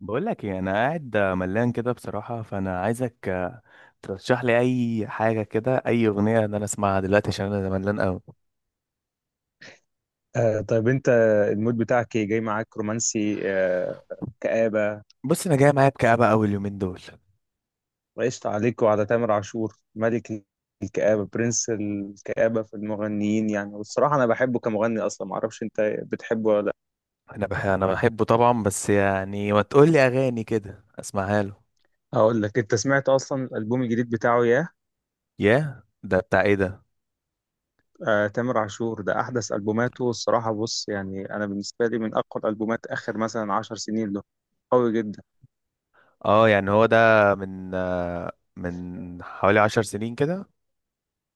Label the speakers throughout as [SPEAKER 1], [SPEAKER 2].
[SPEAKER 1] بقول لك ايه، انا قاعد ملان كده بصراحه. فانا عايزك ترشح لي اي حاجه كده، اي اغنيه، ان انا اسمعها دلوقتي عشان انا ملان قوي.
[SPEAKER 2] طيب انت، المود بتاعك ايه؟ جاي معاك رومانسي؟ كآبة.
[SPEAKER 1] بص، انا جاي معايا بكآبة قوي اليومين دول.
[SPEAKER 2] وقشطة عليك وعلى تامر عاشور، ملك الكآبة، برنس الكآبة في المغنيين يعني. والصراحة انا بحبه كمغني، اصلا معرفش انت بتحبه ولا لا.
[SPEAKER 1] انا بحبه طبعا. بس يعني ما تقول لي اغاني كده اسمعها له.
[SPEAKER 2] اقول لك، انت سمعت اصلا الالبوم الجديد بتاعه؟ ياه.
[SPEAKER 1] ياه، ده بتاع ايه ده؟
[SPEAKER 2] تامر عاشور ده احدث البوماته الصراحة. بص يعني انا بالنسبة لي من اقوى الالبومات اخر مثلا 10 سنين له، قوي جدا.
[SPEAKER 1] اه يعني هو ده من حوالي 10 سنين كده.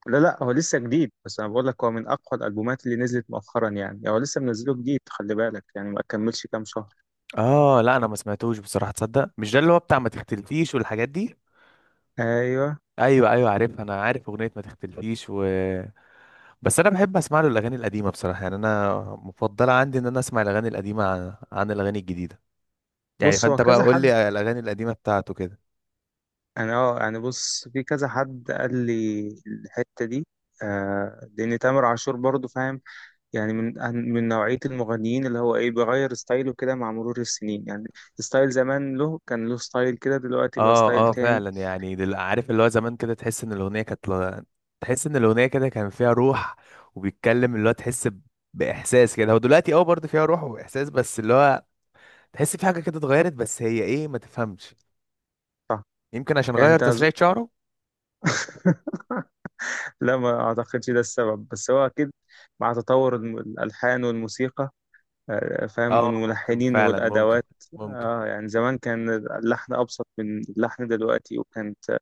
[SPEAKER 2] لا، لا، هو لسه جديد، بس انا بقول لك هو من اقوى الالبومات اللي نزلت مؤخرا يعني، هو لسه منزله جديد، خلي بالك يعني ما كملش كام شهر.
[SPEAKER 1] اه، لا انا ما سمعتوش بصراحه. تصدق مش ده اللي هو بتاع ما تختلفيش والحاجات دي؟
[SPEAKER 2] ايوه.
[SPEAKER 1] ايوه ايوه عارف، انا عارف اغنيه ما تختلفيش، و... بس انا بحب اسمع له الاغاني القديمه بصراحه. يعني انا مفضله عندي ان انا اسمع الاغاني القديمه عن الاغاني الجديده. يعني
[SPEAKER 2] بص هو
[SPEAKER 1] فانت بقى
[SPEAKER 2] كذا
[SPEAKER 1] قول
[SPEAKER 2] حد.
[SPEAKER 1] لي الاغاني القديمه بتاعته كده.
[SPEAKER 2] انا، يعني، بص في كذا حد قال لي الحته دي. لان تامر عاشور برضو فاهم يعني، من نوعيه المغنيين اللي هو ايه بيغير ستايله كده مع مرور السنين يعني. ستايل زمان، له كان له ستايل كده، دلوقتي بقى ستايل
[SPEAKER 1] اه اه،
[SPEAKER 2] تاني.
[SPEAKER 1] فعلا. يعني عارف اللي هو زمان كده، تحس ان الاغنيه كانت. تحس ان الاغنيه كده كان فيها روح، وبيتكلم اللي هو تحس باحساس كده. هو دلوقتي برضه فيها روح واحساس، بس اللي هو تحس في حاجه كده اتغيرت، بس هي ايه ما تفهمش.
[SPEAKER 2] صح.
[SPEAKER 1] يمكن عشان
[SPEAKER 2] يعني
[SPEAKER 1] غير
[SPEAKER 2] انت
[SPEAKER 1] تسريحه شعره.
[SPEAKER 2] لا، ما اعتقدش ده السبب، بس هو اكيد مع تطور الالحان والموسيقى، فاهم،
[SPEAKER 1] اه، ممكن
[SPEAKER 2] والملحنين
[SPEAKER 1] فعلا، ممكن،
[SPEAKER 2] والادوات.
[SPEAKER 1] ممكن.
[SPEAKER 2] اه يعني زمان كان اللحن ابسط من اللحن دلوقتي، وكانت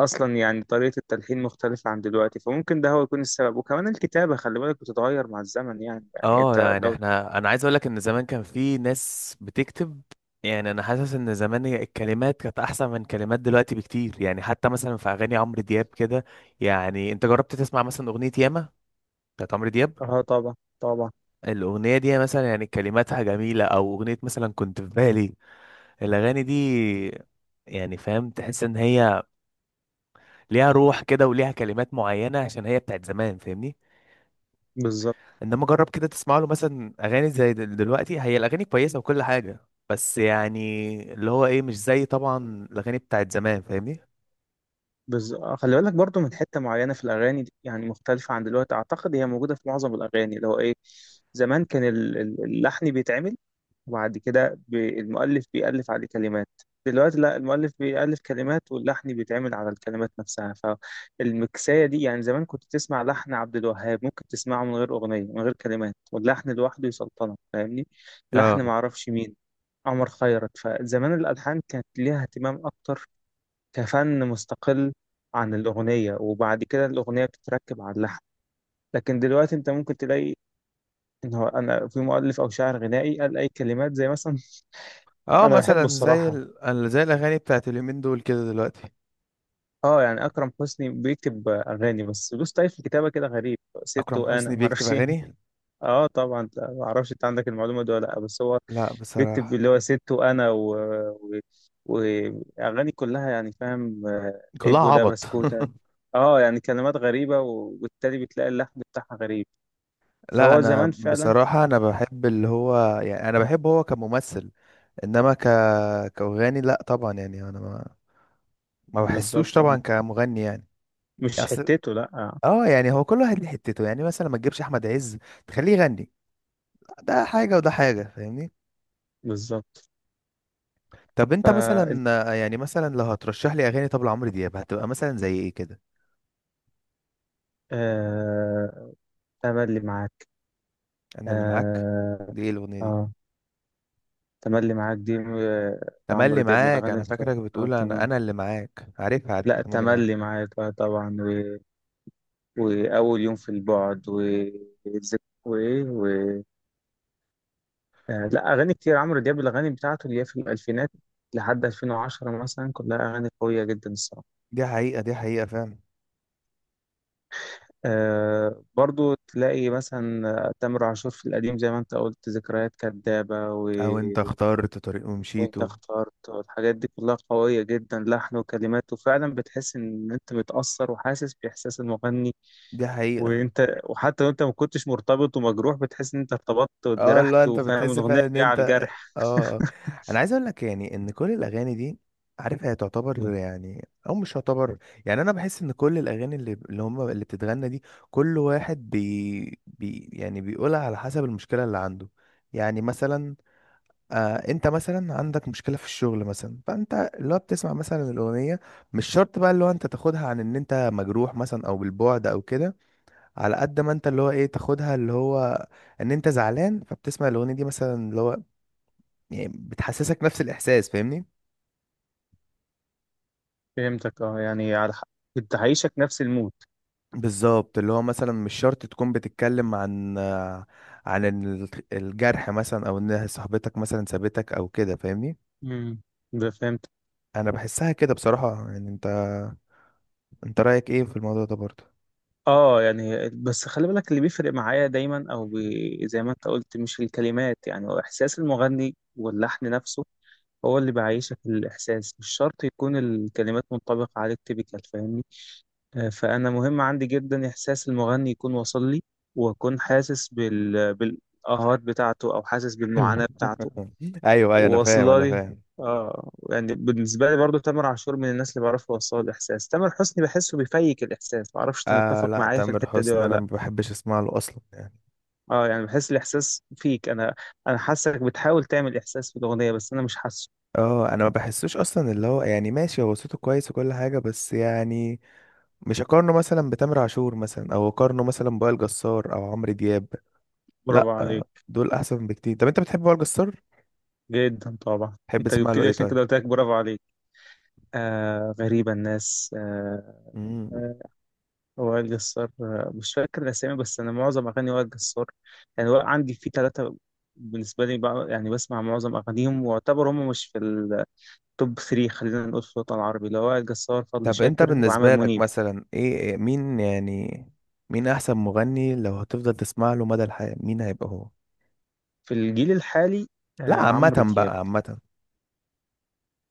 [SPEAKER 2] اصلا يعني طريقة التلحين مختلفة عن دلوقتي، فممكن ده هو يكون السبب. وكمان الكتابة خلي بالك بتتغير مع الزمن يعني
[SPEAKER 1] اه
[SPEAKER 2] انت
[SPEAKER 1] يعني
[SPEAKER 2] لو
[SPEAKER 1] انا عايز اقول لك ان زمان كان في ناس بتكتب. يعني انا حاسس ان زمان هي الكلمات كانت احسن من كلمات دلوقتي بكتير. يعني حتى مثلا في اغاني عمرو دياب كده. يعني انت جربت تسمع مثلا اغنية ياما بتاعت عمرو دياب؟
[SPEAKER 2] اه طبعا طبعا.
[SPEAKER 1] الاغنية دي مثلا يعني كلماتها جميلة، او اغنية مثلا كنت في بالي. الاغاني دي، يعني فاهم، تحس ان هي ليها روح كده وليها كلمات معينة عشان هي بتاعت زمان. فاهمني؟
[SPEAKER 2] بالظبط.
[SPEAKER 1] انما جرب كده تسمع له مثلا اغاني زي دلوقتي، هي الاغاني كويسه وكل حاجه، بس يعني اللي هو ايه مش زي طبعا الاغاني بتاعت زمان. فاهمني؟
[SPEAKER 2] بز... آه، خلي بالك برضو من حتة معينة في الأغاني دي يعني، مختلفة عن دلوقتي، أعتقد هي موجودة في معظم الأغاني اللي هو إيه. زمان كان اللحن بيتعمل، وبعد كده المؤلف بيألف عليه كلمات. دلوقتي لا، المؤلف بيألف كلمات، واللحن بيتعمل على الكلمات نفسها. فالمكساية دي يعني، زمان كنت تسمع لحن عبد الوهاب ممكن تسمعه من غير أغنية، من غير كلمات، واللحن لوحده يسلطنك، فاهمني؟ لحن
[SPEAKER 1] اه
[SPEAKER 2] معرفش مين، عمر خيرت. فزمان الألحان كانت ليها اهتمام أكتر، كفن مستقل عن الأغنية، وبعد كده الأغنية بتتركب على اللحن. لكن دلوقتي أنت ممكن تلاقي إن هو أنا في مؤلف أو شاعر غنائي قال أي كلمات زي مثلا
[SPEAKER 1] اه،
[SPEAKER 2] أنا بحبه
[SPEAKER 1] مثلا زي
[SPEAKER 2] الصراحة.
[SPEAKER 1] زي الاغاني بتاعت اليومين دول كده دلوقتي.
[SPEAKER 2] أه يعني أكرم حسني بيكتب أغاني، بس له ستايل في الكتابة كده غريب، ست
[SPEAKER 1] اكرم
[SPEAKER 2] وأنا
[SPEAKER 1] حسني بيكتب
[SPEAKER 2] معرفش إيه.
[SPEAKER 1] اغاني؟
[SPEAKER 2] اه طبعا، ما اعرفش انت عندك المعلومه دي ولا لا، بس هو
[SPEAKER 1] لا
[SPEAKER 2] بيكتب
[SPEAKER 1] بصراحه.
[SPEAKER 2] اللي هو ست وانا و... واغاني، كلها يعني فاهم،
[SPEAKER 1] كلها
[SPEAKER 2] ابو ده
[SPEAKER 1] عبط.
[SPEAKER 2] بسكوته. اه يعني كلمات غريبه، وبالتالي بتلاقي اللحن بتاعها غريب.
[SPEAKER 1] لا،
[SPEAKER 2] فهو
[SPEAKER 1] انا
[SPEAKER 2] زمان فعلا.
[SPEAKER 1] بصراحه انا بحب، اللي هو يعني انا بحبه هو كممثل. انما كأغاني لا طبعا. يعني انا ما بحسوش
[SPEAKER 2] بالظبط،
[SPEAKER 1] طبعا كمغني يعني.
[SPEAKER 2] مش
[SPEAKER 1] اصل.
[SPEAKER 2] حتته لا.
[SPEAKER 1] اه يعني هو كل واحد ليه حتته. يعني مثلا ما تجيبش احمد عز تخليه يغني، ده حاجه وده حاجه. فاهمني؟
[SPEAKER 2] بالظبط.
[SPEAKER 1] طب
[SPEAKER 2] ف
[SPEAKER 1] انت مثلا، يعني مثلا لو هترشح لي اغاني، طب لعمرو دياب هتبقى مثلا زي ايه كده؟
[SPEAKER 2] آه... تملي معاك.
[SPEAKER 1] انا اللي معاك؟
[SPEAKER 2] اه.
[SPEAKER 1] دي ايه الاغنيه دي؟
[SPEAKER 2] آه... تملي معاك دي لعمرو
[SPEAKER 1] تملي
[SPEAKER 2] دياب من
[SPEAKER 1] معاك.
[SPEAKER 2] الاغاني
[SPEAKER 1] انا
[SPEAKER 2] الك-
[SPEAKER 1] فاكرك
[SPEAKER 2] اه
[SPEAKER 1] بتقول انا
[SPEAKER 2] تمام.
[SPEAKER 1] انا اللي معاك. عارفها عارفها،
[SPEAKER 2] لا،
[SPEAKER 1] تملي معاك.
[SPEAKER 2] تملي معاك اه طبعا، واول يوم في البعد، وايه و... آه، لا اغاني كتير عمرو دياب، الاغاني بتاعته اللي هي في الالفينات لحد 2010 مثلا، كلها اغاني قويه جدا الصراحه.
[SPEAKER 1] دي حقيقه، دي حقيقه فعلا.
[SPEAKER 2] برضو تلاقي مثلا تامر عاشور في القديم زي ما انت قلت، ذكريات كدابه
[SPEAKER 1] او انت اخترت طريق
[SPEAKER 2] وانت
[SPEAKER 1] ومشيته.
[SPEAKER 2] اخترت، والحاجات دي كلها قويه جدا، لحن وكلمات، وفعلا بتحس ان انت متاثر وحاسس باحساس المغني.
[SPEAKER 1] دي حقيقه.
[SPEAKER 2] وحتى لو انت ما كنتش مرتبط ومجروح، بتحس ان انت ارتبطت
[SPEAKER 1] اه، لا
[SPEAKER 2] واتجرحت،
[SPEAKER 1] انت
[SPEAKER 2] وفاهم
[SPEAKER 1] بتحس
[SPEAKER 2] الاغنيه
[SPEAKER 1] فعلا ان
[SPEAKER 2] جايه
[SPEAKER 1] انت
[SPEAKER 2] على
[SPEAKER 1] اه
[SPEAKER 2] الجرح.
[SPEAKER 1] آه. انا عايز اقول لك، يعني ان كل الاغاني دي، عارف هي تعتبر، يعني او مش تعتبر. يعني انا بحس ان كل الاغاني اللي هم اللي بتتغنى دي، كل واحد بي, بي يعني بيقولها على حسب المشكله اللي عنده. يعني مثلا، آه، انت مثلا عندك مشكله في الشغل مثلا، فانت اللي هو بتسمع مثلا الاغنيه، مش شرط بقى اللي هو انت تاخدها عن ان انت مجروح مثلا او بالبعد او كده. على قد ما انت اللي هو ايه تاخدها، اللي هو ان انت زعلان، فبتسمع الاغنيه دي مثلا اللي هو يعني بتحسسك نفس الاحساس. فاهمني؟
[SPEAKER 2] فهمتك، اه يعني على حق، انت عايشك نفس المود.
[SPEAKER 1] بالظبط، اللي هو مثلا مش شرط تكون بتتكلم عن الجرح مثلا، او ان صاحبتك مثلا سابتك او كده. فاهمني؟
[SPEAKER 2] امم، ده فهمت.
[SPEAKER 1] انا بحسها كده بصراحه. يعني انت رايك ايه في الموضوع ده برضه؟
[SPEAKER 2] اه يعني بس خلي بالك، اللي بيفرق معايا دايما، او بي زي ما انت قلت، مش الكلمات، يعني هو احساس المغني واللحن نفسه، هو اللي بيعيشك الاحساس، مش شرط يكون الكلمات منطبقه عليك تيبيكال، فاهمني؟ فانا مهم عندي جدا احساس المغني يكون واصل لي، واكون حاسس بالآهات بتاعته، او حاسس بالمعاناه بتاعته،
[SPEAKER 1] ايوه ايوه، انا فاهم،
[SPEAKER 2] واصله
[SPEAKER 1] انا
[SPEAKER 2] لي.
[SPEAKER 1] فاهم.
[SPEAKER 2] اه يعني بالنسبه لي برضو، تامر عاشور من الناس اللي بعرفه يوصل الاحساس، تامر حسني بحسه بيفيك الاحساس، ما اعرفش انت
[SPEAKER 1] آه
[SPEAKER 2] متفق
[SPEAKER 1] لا،
[SPEAKER 2] معايا في
[SPEAKER 1] تامر
[SPEAKER 2] الحته دي
[SPEAKER 1] حسني
[SPEAKER 2] ولا
[SPEAKER 1] انا
[SPEAKER 2] لا.
[SPEAKER 1] ما بحبش اسمع له اصلا يعني.
[SPEAKER 2] اه يعني بحس الاحساس فيك، انا انا حاسك بتحاول تعمل احساس في الاغنيه، بس انا مش حاسه.
[SPEAKER 1] اه، انا ما بحسوش اصلا. اللي هو يعني ماشي، هو صوته كويس وكل حاجه، بس يعني مش اقارنه مثلا بتامر عاشور مثلا، او اقارنه مثلا بوائل جسار او عمرو دياب.
[SPEAKER 2] برافو
[SPEAKER 1] لا،
[SPEAKER 2] عليك.
[SPEAKER 1] دول احسن بكتير. طب انت بتحب وائل جسار؟
[SPEAKER 2] جدا طبعا،
[SPEAKER 1] تحب
[SPEAKER 2] انت
[SPEAKER 1] تسمع
[SPEAKER 2] جبت
[SPEAKER 1] له
[SPEAKER 2] لي
[SPEAKER 1] ايه
[SPEAKER 2] عشان
[SPEAKER 1] طيب؟
[SPEAKER 2] كده قلت لك برافو عليك. آه غريبه الناس،
[SPEAKER 1] مم.
[SPEAKER 2] آه، وائل جسار، مش فاكر الأسامي، بس أنا معظم أغاني وائل جسار يعني، عندي في 3 بالنسبة لي بقى، يعني بسمع معظم أغانيهم، واعتبر هم مش في التوب 3، خلينا نقول في الوطن العربي، اللي هو وائل جسار، فضل
[SPEAKER 1] طب انت
[SPEAKER 2] شاكر، وعامر
[SPEAKER 1] بالنسبه لك
[SPEAKER 2] منيب.
[SPEAKER 1] مثلا، مين يعني، مين احسن مغني، لو هتفضل تسمع له مدى الحياه مين هيبقى هو؟
[SPEAKER 2] في الجيل الحالي
[SPEAKER 1] لا،
[SPEAKER 2] عمرو
[SPEAKER 1] عامه
[SPEAKER 2] دياب.
[SPEAKER 1] بقى، عامه.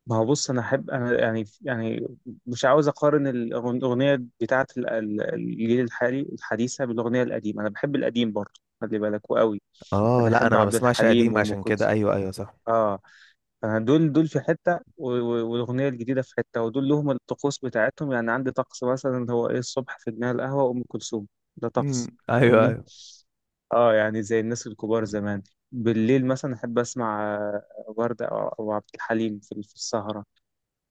[SPEAKER 2] ما هو بص، أنا أحب، أنا يعني مش عاوز أقارن الأغنية بتاعة الجيل الحالي الحديثة بالأغنية القديمة. أنا بحب القديم برضه خلي بالك، وقوي.
[SPEAKER 1] اه،
[SPEAKER 2] أنا
[SPEAKER 1] لا
[SPEAKER 2] أحب
[SPEAKER 1] انا ما
[SPEAKER 2] عبد
[SPEAKER 1] بسمعش قديم
[SPEAKER 2] الحليم وأم
[SPEAKER 1] عشان كده.
[SPEAKER 2] كلثوم.
[SPEAKER 1] ايوه ايوه صح.
[SPEAKER 2] آه. دول دول في حتة، والأغنية الجديدة في حتة، ودول لهم الطقوس بتاعتهم يعني. عندي طقس مثلا هو إيه، الصبح في جناح القهوة أم كلثوم، ده طقس،
[SPEAKER 1] مم. ايوه
[SPEAKER 2] فاهمني؟
[SPEAKER 1] ايوه.
[SPEAKER 2] اه يعني زي الناس الكبار زمان. بالليل مثلا أحب أسمع وردة أو عبد الحليم في السهرة.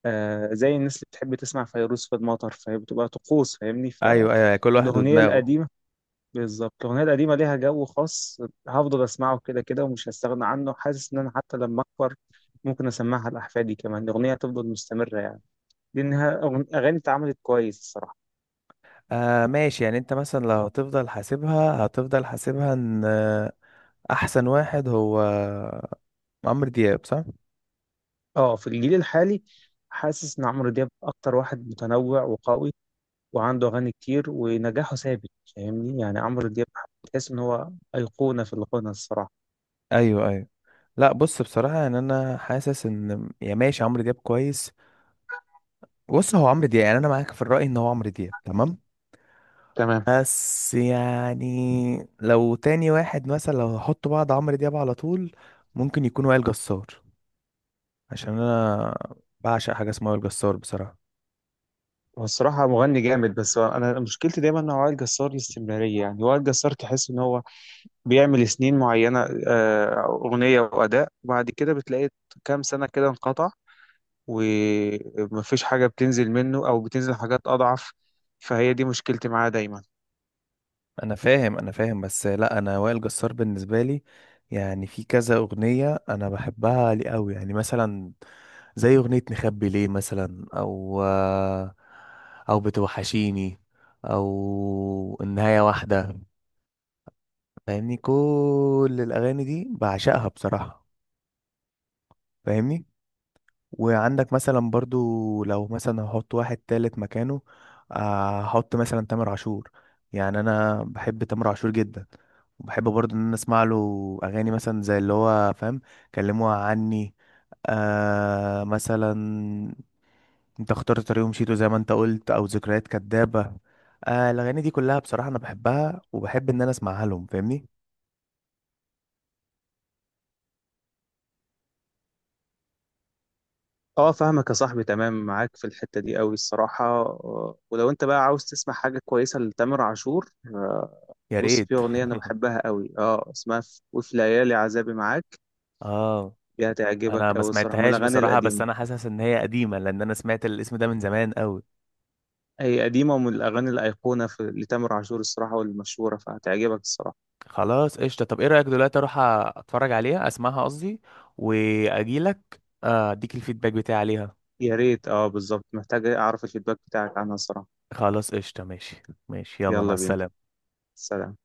[SPEAKER 2] زي الناس اللي بتحب تسمع فيروز في المطر، فهي بتبقى طقوس، فاهمني؟
[SPEAKER 1] ايوه ايوه، كل واحد
[SPEAKER 2] فالأغنية
[SPEAKER 1] ودماغه.
[SPEAKER 2] القديمة، بالظبط الأغنية القديمة ليها جو خاص، هفضل أسمعه كده كده، ومش هستغنى عنه. حاسس إن أنا حتى لما أكبر ممكن أسمعها لأحفادي كمان، الأغنية هتفضل مستمرة يعني، لأنها أغاني اتعملت كويس الصراحة.
[SPEAKER 1] آه ماشي. يعني انت مثلا لو هتفضل حاسبها، هتفضل حاسبها ان احسن واحد هو عمرو دياب، صح؟
[SPEAKER 2] أه في الجيل الحالي، حاسس إن عمرو دياب أكتر واحد متنوع وقوي، وعنده أغاني كتير، ونجاحه ثابت، فاهمني؟ يعني عمرو دياب تحس إن هو أيقونة في الغنى الصراحة.
[SPEAKER 1] ايوه ايوه. لا بص، بصراحه يعني انا حاسس ان، يا ماشي، عمرو دياب كويس. بص هو عمرو دياب، يعني انا معاك في الراي ان هو عمرو دياب تمام.
[SPEAKER 2] تمام.
[SPEAKER 1] بس يعني، لو تاني واحد مثلا، لو هحط بعض عمرو دياب على طول، ممكن يكون وائل جسار. عشان انا بعشق حاجه اسمها وائل جسار بصراحه.
[SPEAKER 2] هو الصراحة مغني جامد، بس أنا مشكلتي دايما مع وائل جسار الاستمرارية، يعني وائل جسار تحس إن هو بيعمل سنين معينة أغنية وأداء، وبعد كده بتلاقي كام سنة كده انقطع، ومفيش حاجة بتنزل منه، أو بتنزل حاجات أضعف، فهي دي مشكلتي معاه دايما.
[SPEAKER 1] انا فاهم، انا فاهم. بس لا، انا وائل جسار بالنسبه لي، يعني في كذا اغنيه انا بحبها لي قوي، يعني مثلا زي اغنيه نخبي ليه مثلا، او بتوحشيني، او النهايه واحده. فاهمني؟ كل الاغاني دي بعشقها بصراحه. فاهمني؟ وعندك مثلا برضو، لو مثلا هحط واحد تالت مكانه، هحط مثلا تامر عاشور. يعني انا بحب تامر عاشور جدا، وبحب برضو ان انا اسمع له اغاني، مثلا زي اللي هو فاهم، كلموها عني، آه مثلا انت اخترت طريق ومشيته زي ما انت قلت، او ذكريات كدابة. آه، الاغاني دي كلها بصراحة انا بحبها، وبحب ان انا اسمعها لهم. فاهمني؟
[SPEAKER 2] اه فاهمك يا صاحبي، تمام معاك في الحتة دي قوي الصراحة، ولو انت بقى عاوز تسمع حاجة كويسة لتامر عاشور،
[SPEAKER 1] يا
[SPEAKER 2] بص
[SPEAKER 1] ريت.
[SPEAKER 2] في أغنية أنا بحبها قوي اسمها في وفي ليالي عذابي معاك،
[SPEAKER 1] اه،
[SPEAKER 2] دي هتعجبك
[SPEAKER 1] انا ما
[SPEAKER 2] قوي الصراحة، من
[SPEAKER 1] سمعتهاش
[SPEAKER 2] الأغاني
[SPEAKER 1] بصراحه، بس
[SPEAKER 2] القديمة،
[SPEAKER 1] انا حاسس ان هي قديمه، لان انا سمعت الاسم ده من زمان قوي.
[SPEAKER 2] هي قديمة ومن الأغاني الأيقونة في لتامر عاشور الصراحة والمشهورة، فهتعجبك الصراحة.
[SPEAKER 1] خلاص قشطه. طب ايه رايك دلوقتي اروح اتفرج عليها، اسمعها قصدي، واجيلك اديك الفيدباك بتاعي عليها؟
[SPEAKER 2] يا ريت، بالظبط محتاج اعرف الفيدباك بتاعك عنها الصراحة.
[SPEAKER 1] خلاص قشطه، ماشي. ماشي، يلا مع
[SPEAKER 2] يلا بينا.
[SPEAKER 1] السلامه.
[SPEAKER 2] سلام.